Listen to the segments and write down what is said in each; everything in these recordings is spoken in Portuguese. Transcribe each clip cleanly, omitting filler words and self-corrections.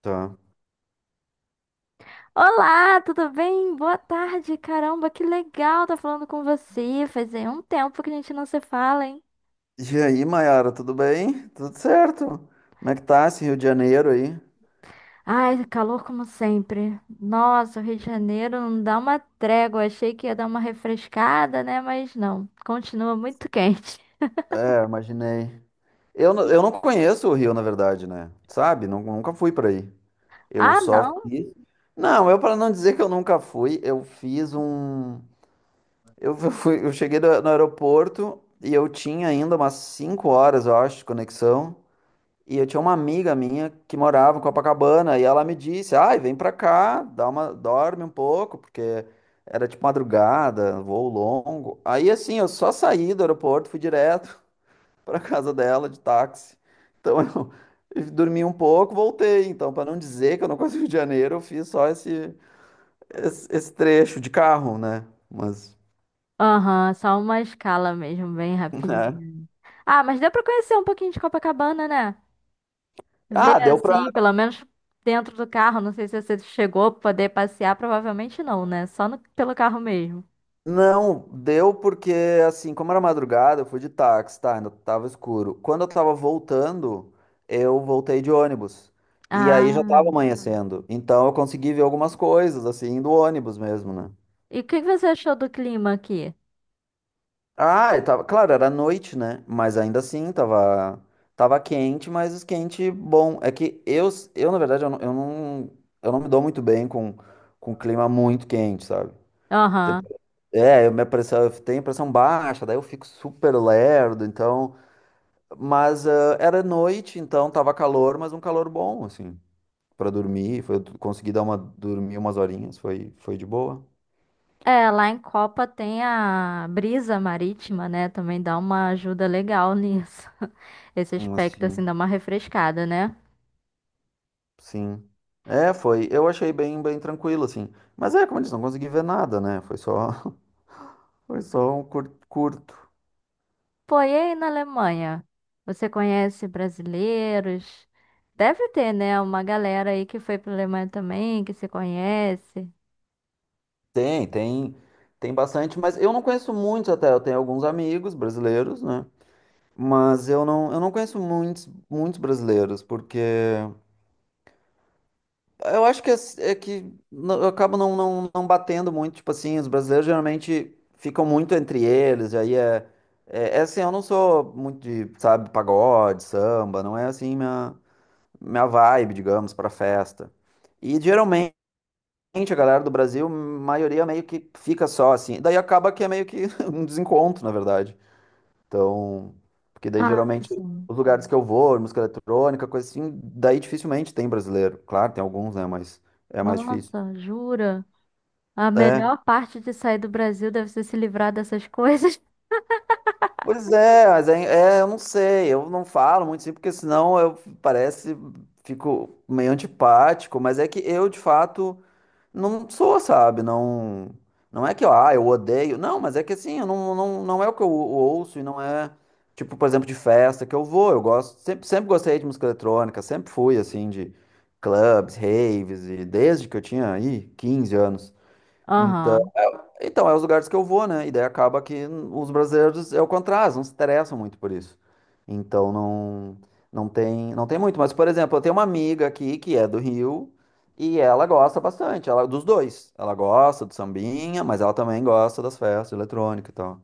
Tá. Olá, tudo bem? Boa tarde. Caramba, que legal tá falando com você. Fazia um tempo que a gente não se fala, hein? E aí, Mayara, tudo bem? Tudo certo? Como é que tá esse Rio de Janeiro aí? Ai, calor como sempre. Nossa, o Rio de Janeiro não dá uma trégua. Achei que ia dar uma refrescada, né? Mas não, continua muito quente. É, imaginei. Eu, não- E- eu não conheço o Rio, na verdade, né? Sabe? Nunca fui pra aí. Eu Ah, só não? fiz. Não, eu para não dizer que eu nunca fui, eu fiz um. Eu fui, eu cheguei no aeroporto e eu tinha ainda umas 5 horas, eu acho, de conexão. E eu tinha uma amiga minha que morava em Copacabana e ela me disse: "Ai, vem pra cá, dá uma, dorme um pouco, porque era tipo madrugada, voo longo". Aí assim, eu só saí do aeroporto, fui direto pra casa dela de táxi. Então eu eu dormi um pouco, voltei. Então, pra não dizer que eu não conheço o Rio de Janeiro, eu fiz só esse trecho de carro, né? Mas Aham, só uma escala mesmo, bem é. rapidinho. Ah, mas deu pra conhecer um pouquinho de Copacabana, né? Ver Ah, deu pra assim, pelo menos dentro do carro. Não sei se você chegou a poder passear, provavelmente não, né? Só no- pelo carro mesmo. Não, deu porque, assim, como era madrugada, eu fui de táxi, tá? Ainda tava escuro. Quando eu tava voltando, eu voltei de ônibus. E aí já tava Ah, Ah, amanhecendo. Então eu consegui ver algumas coisas, assim, do ônibus mesmo, né? e o que que você achou do clima aqui? Ah, e tava, claro, era noite, né? Mas ainda assim, tava quente, mas quente bom. É que eu na verdade, eu não me dou muito bem com clima muito quente, sabe? Aham. É, eu, minha pressão, eu tenho pressão baixa, daí eu fico super lerdo, então. Mas ah, era noite, então tava calor, mas um calor bom, assim, pra dormir. Foi, eu consegui dar uma, dormir umas horinhas, foi, foi de boa. É, lá em Copa tem a brisa marítima, né? Também dá uma ajuda legal nisso. Esse aspecto, Assim, assim, dá uma refrescada, né? sim. É, foi. Eu achei bem, bem tranquilo, assim. Mas é, como eu disse, não consegui ver nada, né? Foi só, foi só um curto. Pô, e aí na Alemanha? Você conhece brasileiros? Deve ter, né? Uma galera aí que foi pra Alemanha também, que se conhece. Tem, tem, tem bastante, mas eu não conheço muitos até. Eu tenho alguns amigos brasileiros, né? Mas eu não conheço muitos, muitos brasileiros, porque eu acho que é, é que eu acabo não batendo muito, tipo assim. Os brasileiros geralmente ficam muito entre eles, e aí é assim, eu não sou muito de, sabe, pagode, samba, não é assim minha, minha vibe, digamos, para festa. E geralmente a galera do Brasil, a maioria meio que fica só assim, daí acaba que é meio que um desencontro, na verdade. Então, porque daí Ah, geralmente sim. os lugares que eu vou, música eletrônica, coisa assim, daí dificilmente tem brasileiro. Claro, tem alguns, né? Mas é mais difícil. Nossa, jura? A É. melhor parte de sair do Brasil deve ser se livrar dessas coisas. Pois é, mas é, eu não sei, eu não falo muito assim, porque senão eu parece, fico meio antipático, mas é que eu, de fato, não sou, sabe? Não, não é que, ah, eu odeio. Não, mas é que assim, eu não é o que eu ouço e não é, tipo, por exemplo, de festa que eu vou. Eu gosto, sempre, sempre gostei de música eletrônica, sempre fui, assim, de clubs, raves, e desde que eu tinha aí 15 anos. Aham. Então, é os lugares que eu vou, né? E daí acaba que os brasileiros é o contrário, não se interessam muito por isso. Então não tem muito. Mas, por exemplo, eu tenho uma amiga aqui que é do Rio e ela gosta bastante, ela dos dois. Ela gosta do sambinha, mas ela também gosta das festas eletrônicas e tal.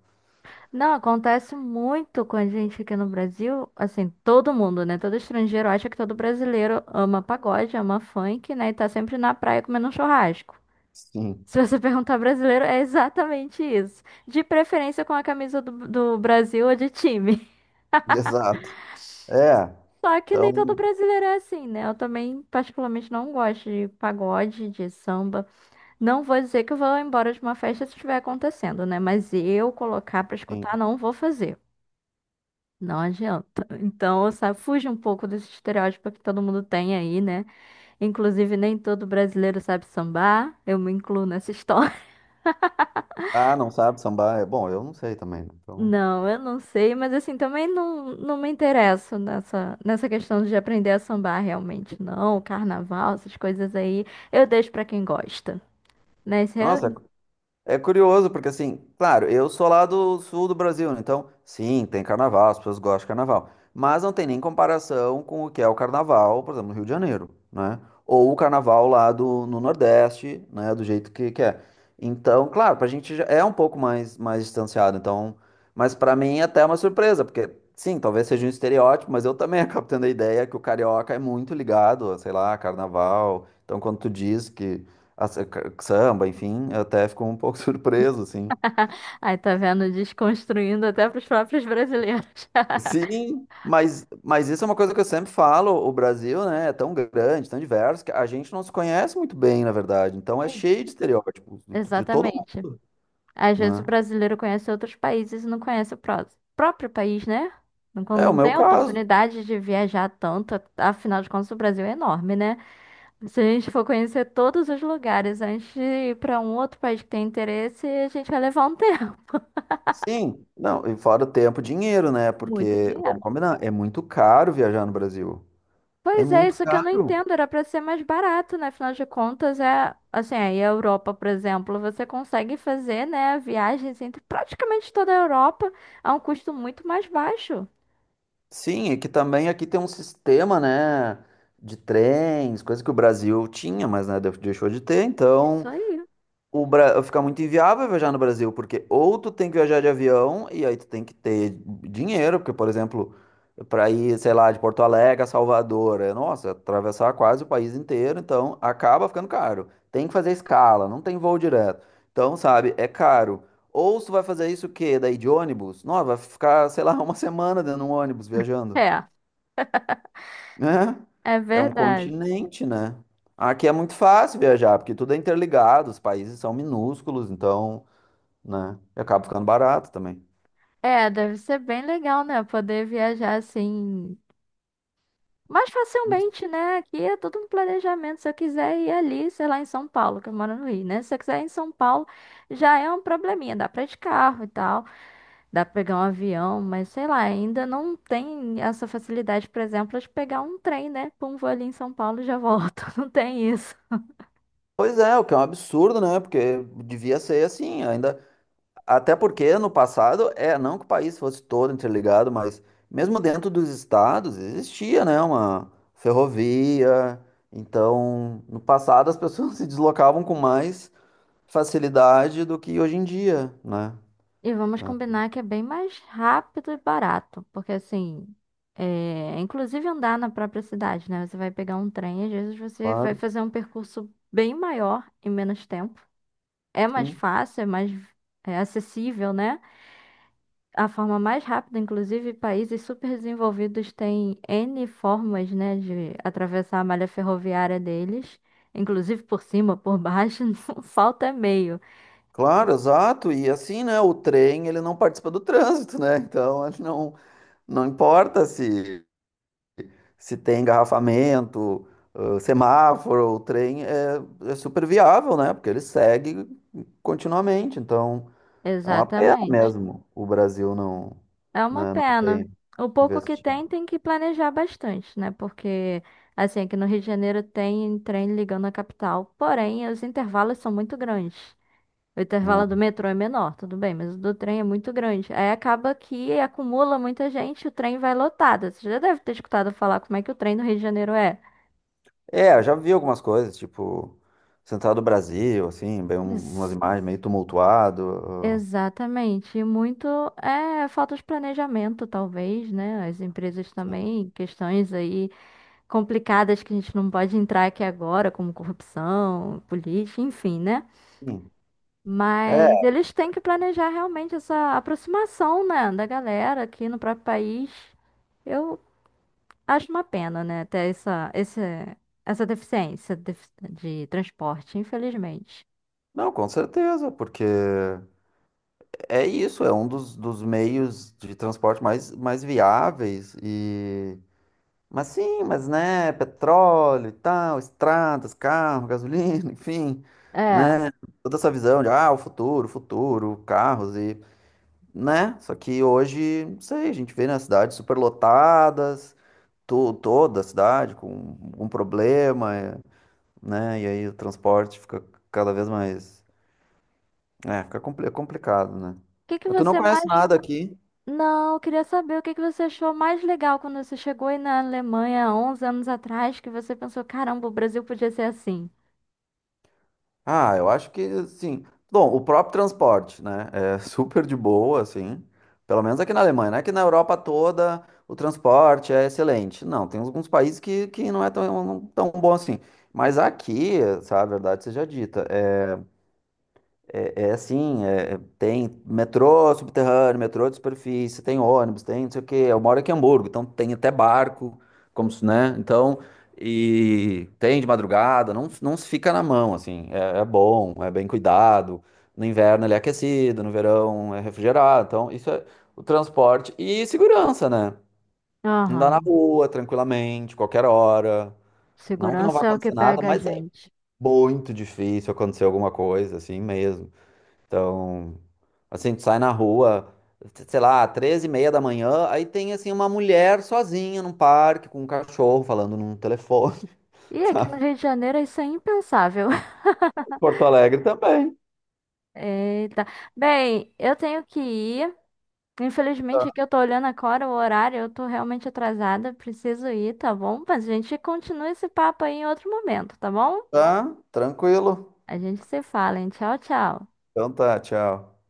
Não, acontece muito com a gente aqui no Brasil, assim, todo mundo, né? Todo estrangeiro acha que todo brasileiro ama pagode, ama funk, né? E tá sempre na praia comendo um churrasco. Sim, Se você perguntar brasileiro, é exatamente isso. De preferência com a camisa do Brasil ou de time. exato. É, Só que nem todo então, brasileiro é assim, né? Eu também, particularmente, não gosto de pagode, de samba. Não vou dizer que eu vou embora de uma festa se estiver acontecendo, né? Mas eu colocar pra escutar, sim. não vou fazer. Não adianta. Então, sabe, fuja um pouco desse estereótipo que todo mundo tem aí, né? Inclusive, nem todo brasileiro sabe sambar. Eu me incluo nessa história. Ah, não sabe sambar? É, bom, eu não sei também, né? Então, Não, eu não sei, mas assim, também não me interesso nessa questão de aprender a sambar realmente, não. Carnaval, essas coisas aí, eu deixo pra quem gosta. Né? Isso eu... nossa, é curioso, porque assim, claro, eu sou lá do sul do Brasil, né? Então, sim, tem carnaval, as pessoas gostam de carnaval. Mas não tem nem comparação com o que é o carnaval, por exemplo, no Rio de Janeiro, né? Ou o carnaval lá do, no Nordeste, né? Do jeito que é. Então, claro, pra gente já é um pouco mais, mais distanciado, então. Mas pra mim é até uma surpresa, porque, sim, talvez seja um estereótipo, mas eu também acabo tendo a ideia que o carioca é muito ligado a, sei lá, carnaval. Então, quando tu diz que as- samba, enfim, até ficou um pouco surpreso, assim. Aí tá vendo, desconstruindo até pros próprios brasileiros. Sim, mas isso é uma coisa que eu sempre falo, o Brasil, né, é tão grande, tão diverso, que a gente não se conhece muito bem, na verdade, então é Ex- cheio de estereótipos, de todo Exatamente. mundo, Às vezes o né? brasileiro conhece outros países e não conhece o próprio país, né? Quando É o não meu tem a caso, oportunidade de viajar tanto, afinal de contas o Brasil é enorme, né? Se a gente for conhecer todos os lugares antes de ir para um outro país que tem interesse, a gente vai levar um tempo, sim. Não, e fora o tempo, dinheiro, né, muito porque, vamos dinheiro. combinar, é muito caro viajar no Brasil, é Pois é, muito isso que eu não caro. entendo, era para ser mais barato, né? Afinal de contas, é assim, aí a Europa, por exemplo, você consegue fazer, né, viagens entre praticamente toda a Europa a um custo muito mais baixo. Sim, é que também aqui tem um sistema, né, de trens, coisa que o Brasil tinha, mas, né, deixou de ter, então... Isso aí. O Bra... fica muito inviável viajar no Brasil, porque ou tu tem que viajar de avião e aí tu tem que ter dinheiro, porque, por exemplo, para ir, sei lá, de Porto Alegre a Salvador, é, nossa, atravessar quase o país inteiro, então acaba ficando caro. Tem que fazer escala, não tem voo direto. Então, sabe, é caro. Ou se tu vai fazer isso, o quê? Daí de ônibus? Nossa, vai ficar, sei lá, uma semana dentro de um ônibus viajando, É. né. É É um verdade. continente, né? Aqui é muito fácil viajar, porque tudo é interligado, os países são minúsculos, então, né? E acaba ficando barato também. É, deve ser bem legal, né? Poder viajar assim mais Isso. facilmente, né? Aqui é tudo um planejamento. Se eu quiser ir ali, sei lá, em São Paulo, que eu moro no Rio, né? Se eu quiser ir em São Paulo, já é um probleminha. Dá pra ir de carro e tal, dá pra pegar um avião, mas sei lá, ainda não tem essa facilidade, por exemplo, de pegar um trem, né? Pum, vou ali em São Paulo e já volto. Não tem isso. Pois é, o que é um absurdo, né? Porque devia ser assim, ainda. Até porque no passado, é, não que o país fosse todo interligado, mas mesmo dentro dos estados existia, né, uma ferrovia. Então, no passado as pessoas se deslocavam com mais facilidade do que hoje em dia, né? E vamos Ah, combinar que é bem mais rápido e barato, porque assim, é, inclusive andar na própria cidade, né? Você vai pegar um trem, às vezes você vai claro, fazer um percurso bem maior em menos tempo. É mais sim. fácil, é mais é acessível, né? A forma mais rápida, inclusive, países super desenvolvidos têm N formas, né, de atravessar a malha ferroviária deles, inclusive por cima, por baixo, não falta meio. Claro, exato. E assim, né, o trem, ele não participa do trânsito, né? Então, ele não, não importa se tem engarrafamento, semáforo, o trem, é, é super viável, né? Porque ele segue continuamente. Então, é uma pena Exatamente. mesmo o Brasil não, É uma né, não pena. ter O pouco que investido. tem, tem que planejar bastante, né? Porque, assim, aqui no Rio de Janeiro tem trem ligando à capital. Porém, os intervalos são muito grandes. O Né? intervalo do metrô é menor, tudo bem, mas o do trem é muito grande. Aí acaba que acumula muita gente, o trem vai lotado. Você já deve ter escutado falar como é que o trem no Rio de Janeiro é. É, eu já vi algumas coisas, tipo, Central do Brasil, assim, bem, umas Ex- imagens meio tumultuado. Exatamente. E muito é falta de planejamento, talvez, né? As empresas Assim. também, questões aí complicadas que a gente não pode entrar aqui agora, como corrupção, política, enfim, né? Sim. É, Mas eles têm que planejar realmente essa aproximação, né, da galera aqui no próprio país. Eu acho uma pena, né, ter essa, esse, essa deficiência de transporte, infelizmente. não, com certeza, porque é isso, é um dos, dos meios de transporte mais, mais viáveis e mas sim, mas né, petróleo e tal, estradas, carro, gasolina, enfim, É. O né? Toda essa visão de ah, o futuro, futuro, carros e, né? Só que hoje, não sei, a gente vê nas cidades superlotadas, to toda a cidade com algum problema, é, né? E aí o transporte fica cada vez mais, é, fica complicado, né? que que Mas tu não você conhece mais. nada aqui? Não, eu queria saber o que que você achou mais legal quando você chegou aí na Alemanha 11 anos atrás, que você pensou, caramba, o Brasil podia ser assim. Ah, eu acho que assim. Bom, o próprio transporte, né? É super de boa, assim. Pelo menos aqui na Alemanha, não é que na Europa toda o transporte é excelente. Não, tem alguns países que não é tão bom assim. Mas aqui, sabe, a verdade seja dita. É assim, é, tem metrô subterrâneo, metrô de superfície, tem ônibus, tem não sei o quê. Eu moro aqui em Hamburgo, então tem até barco, como se, né? Então, e tem de madrugada, não se fica na mão, assim. É, é bom, é bem cuidado. No inverno ele é aquecido, no verão é refrigerado. Então, isso é o transporte e segurança, né? Andar na Aham. rua tranquilamente, qualquer hora. Não que não vá Segurança é o que acontecer nada, pega a mas é gente. muito difícil acontecer alguma coisa, assim mesmo. Então, assim, tu sai na rua, sei lá, 13:30 da manhã, aí tem, assim, uma mulher sozinha num parque com um cachorro falando num telefone, E aqui sabe? no Rio de Janeiro isso é impensável. Porto Alegre também. Eita. Bem, eu tenho que ir. Infelizmente, aqui eu tô olhando agora o horário, eu tô realmente atrasada, preciso ir, tá bom? Mas a gente continua esse papo aí em outro momento, tá bom? Tá, tranquilo. A gente se fala, hein? Tchau, tchau. Então tá, tchau.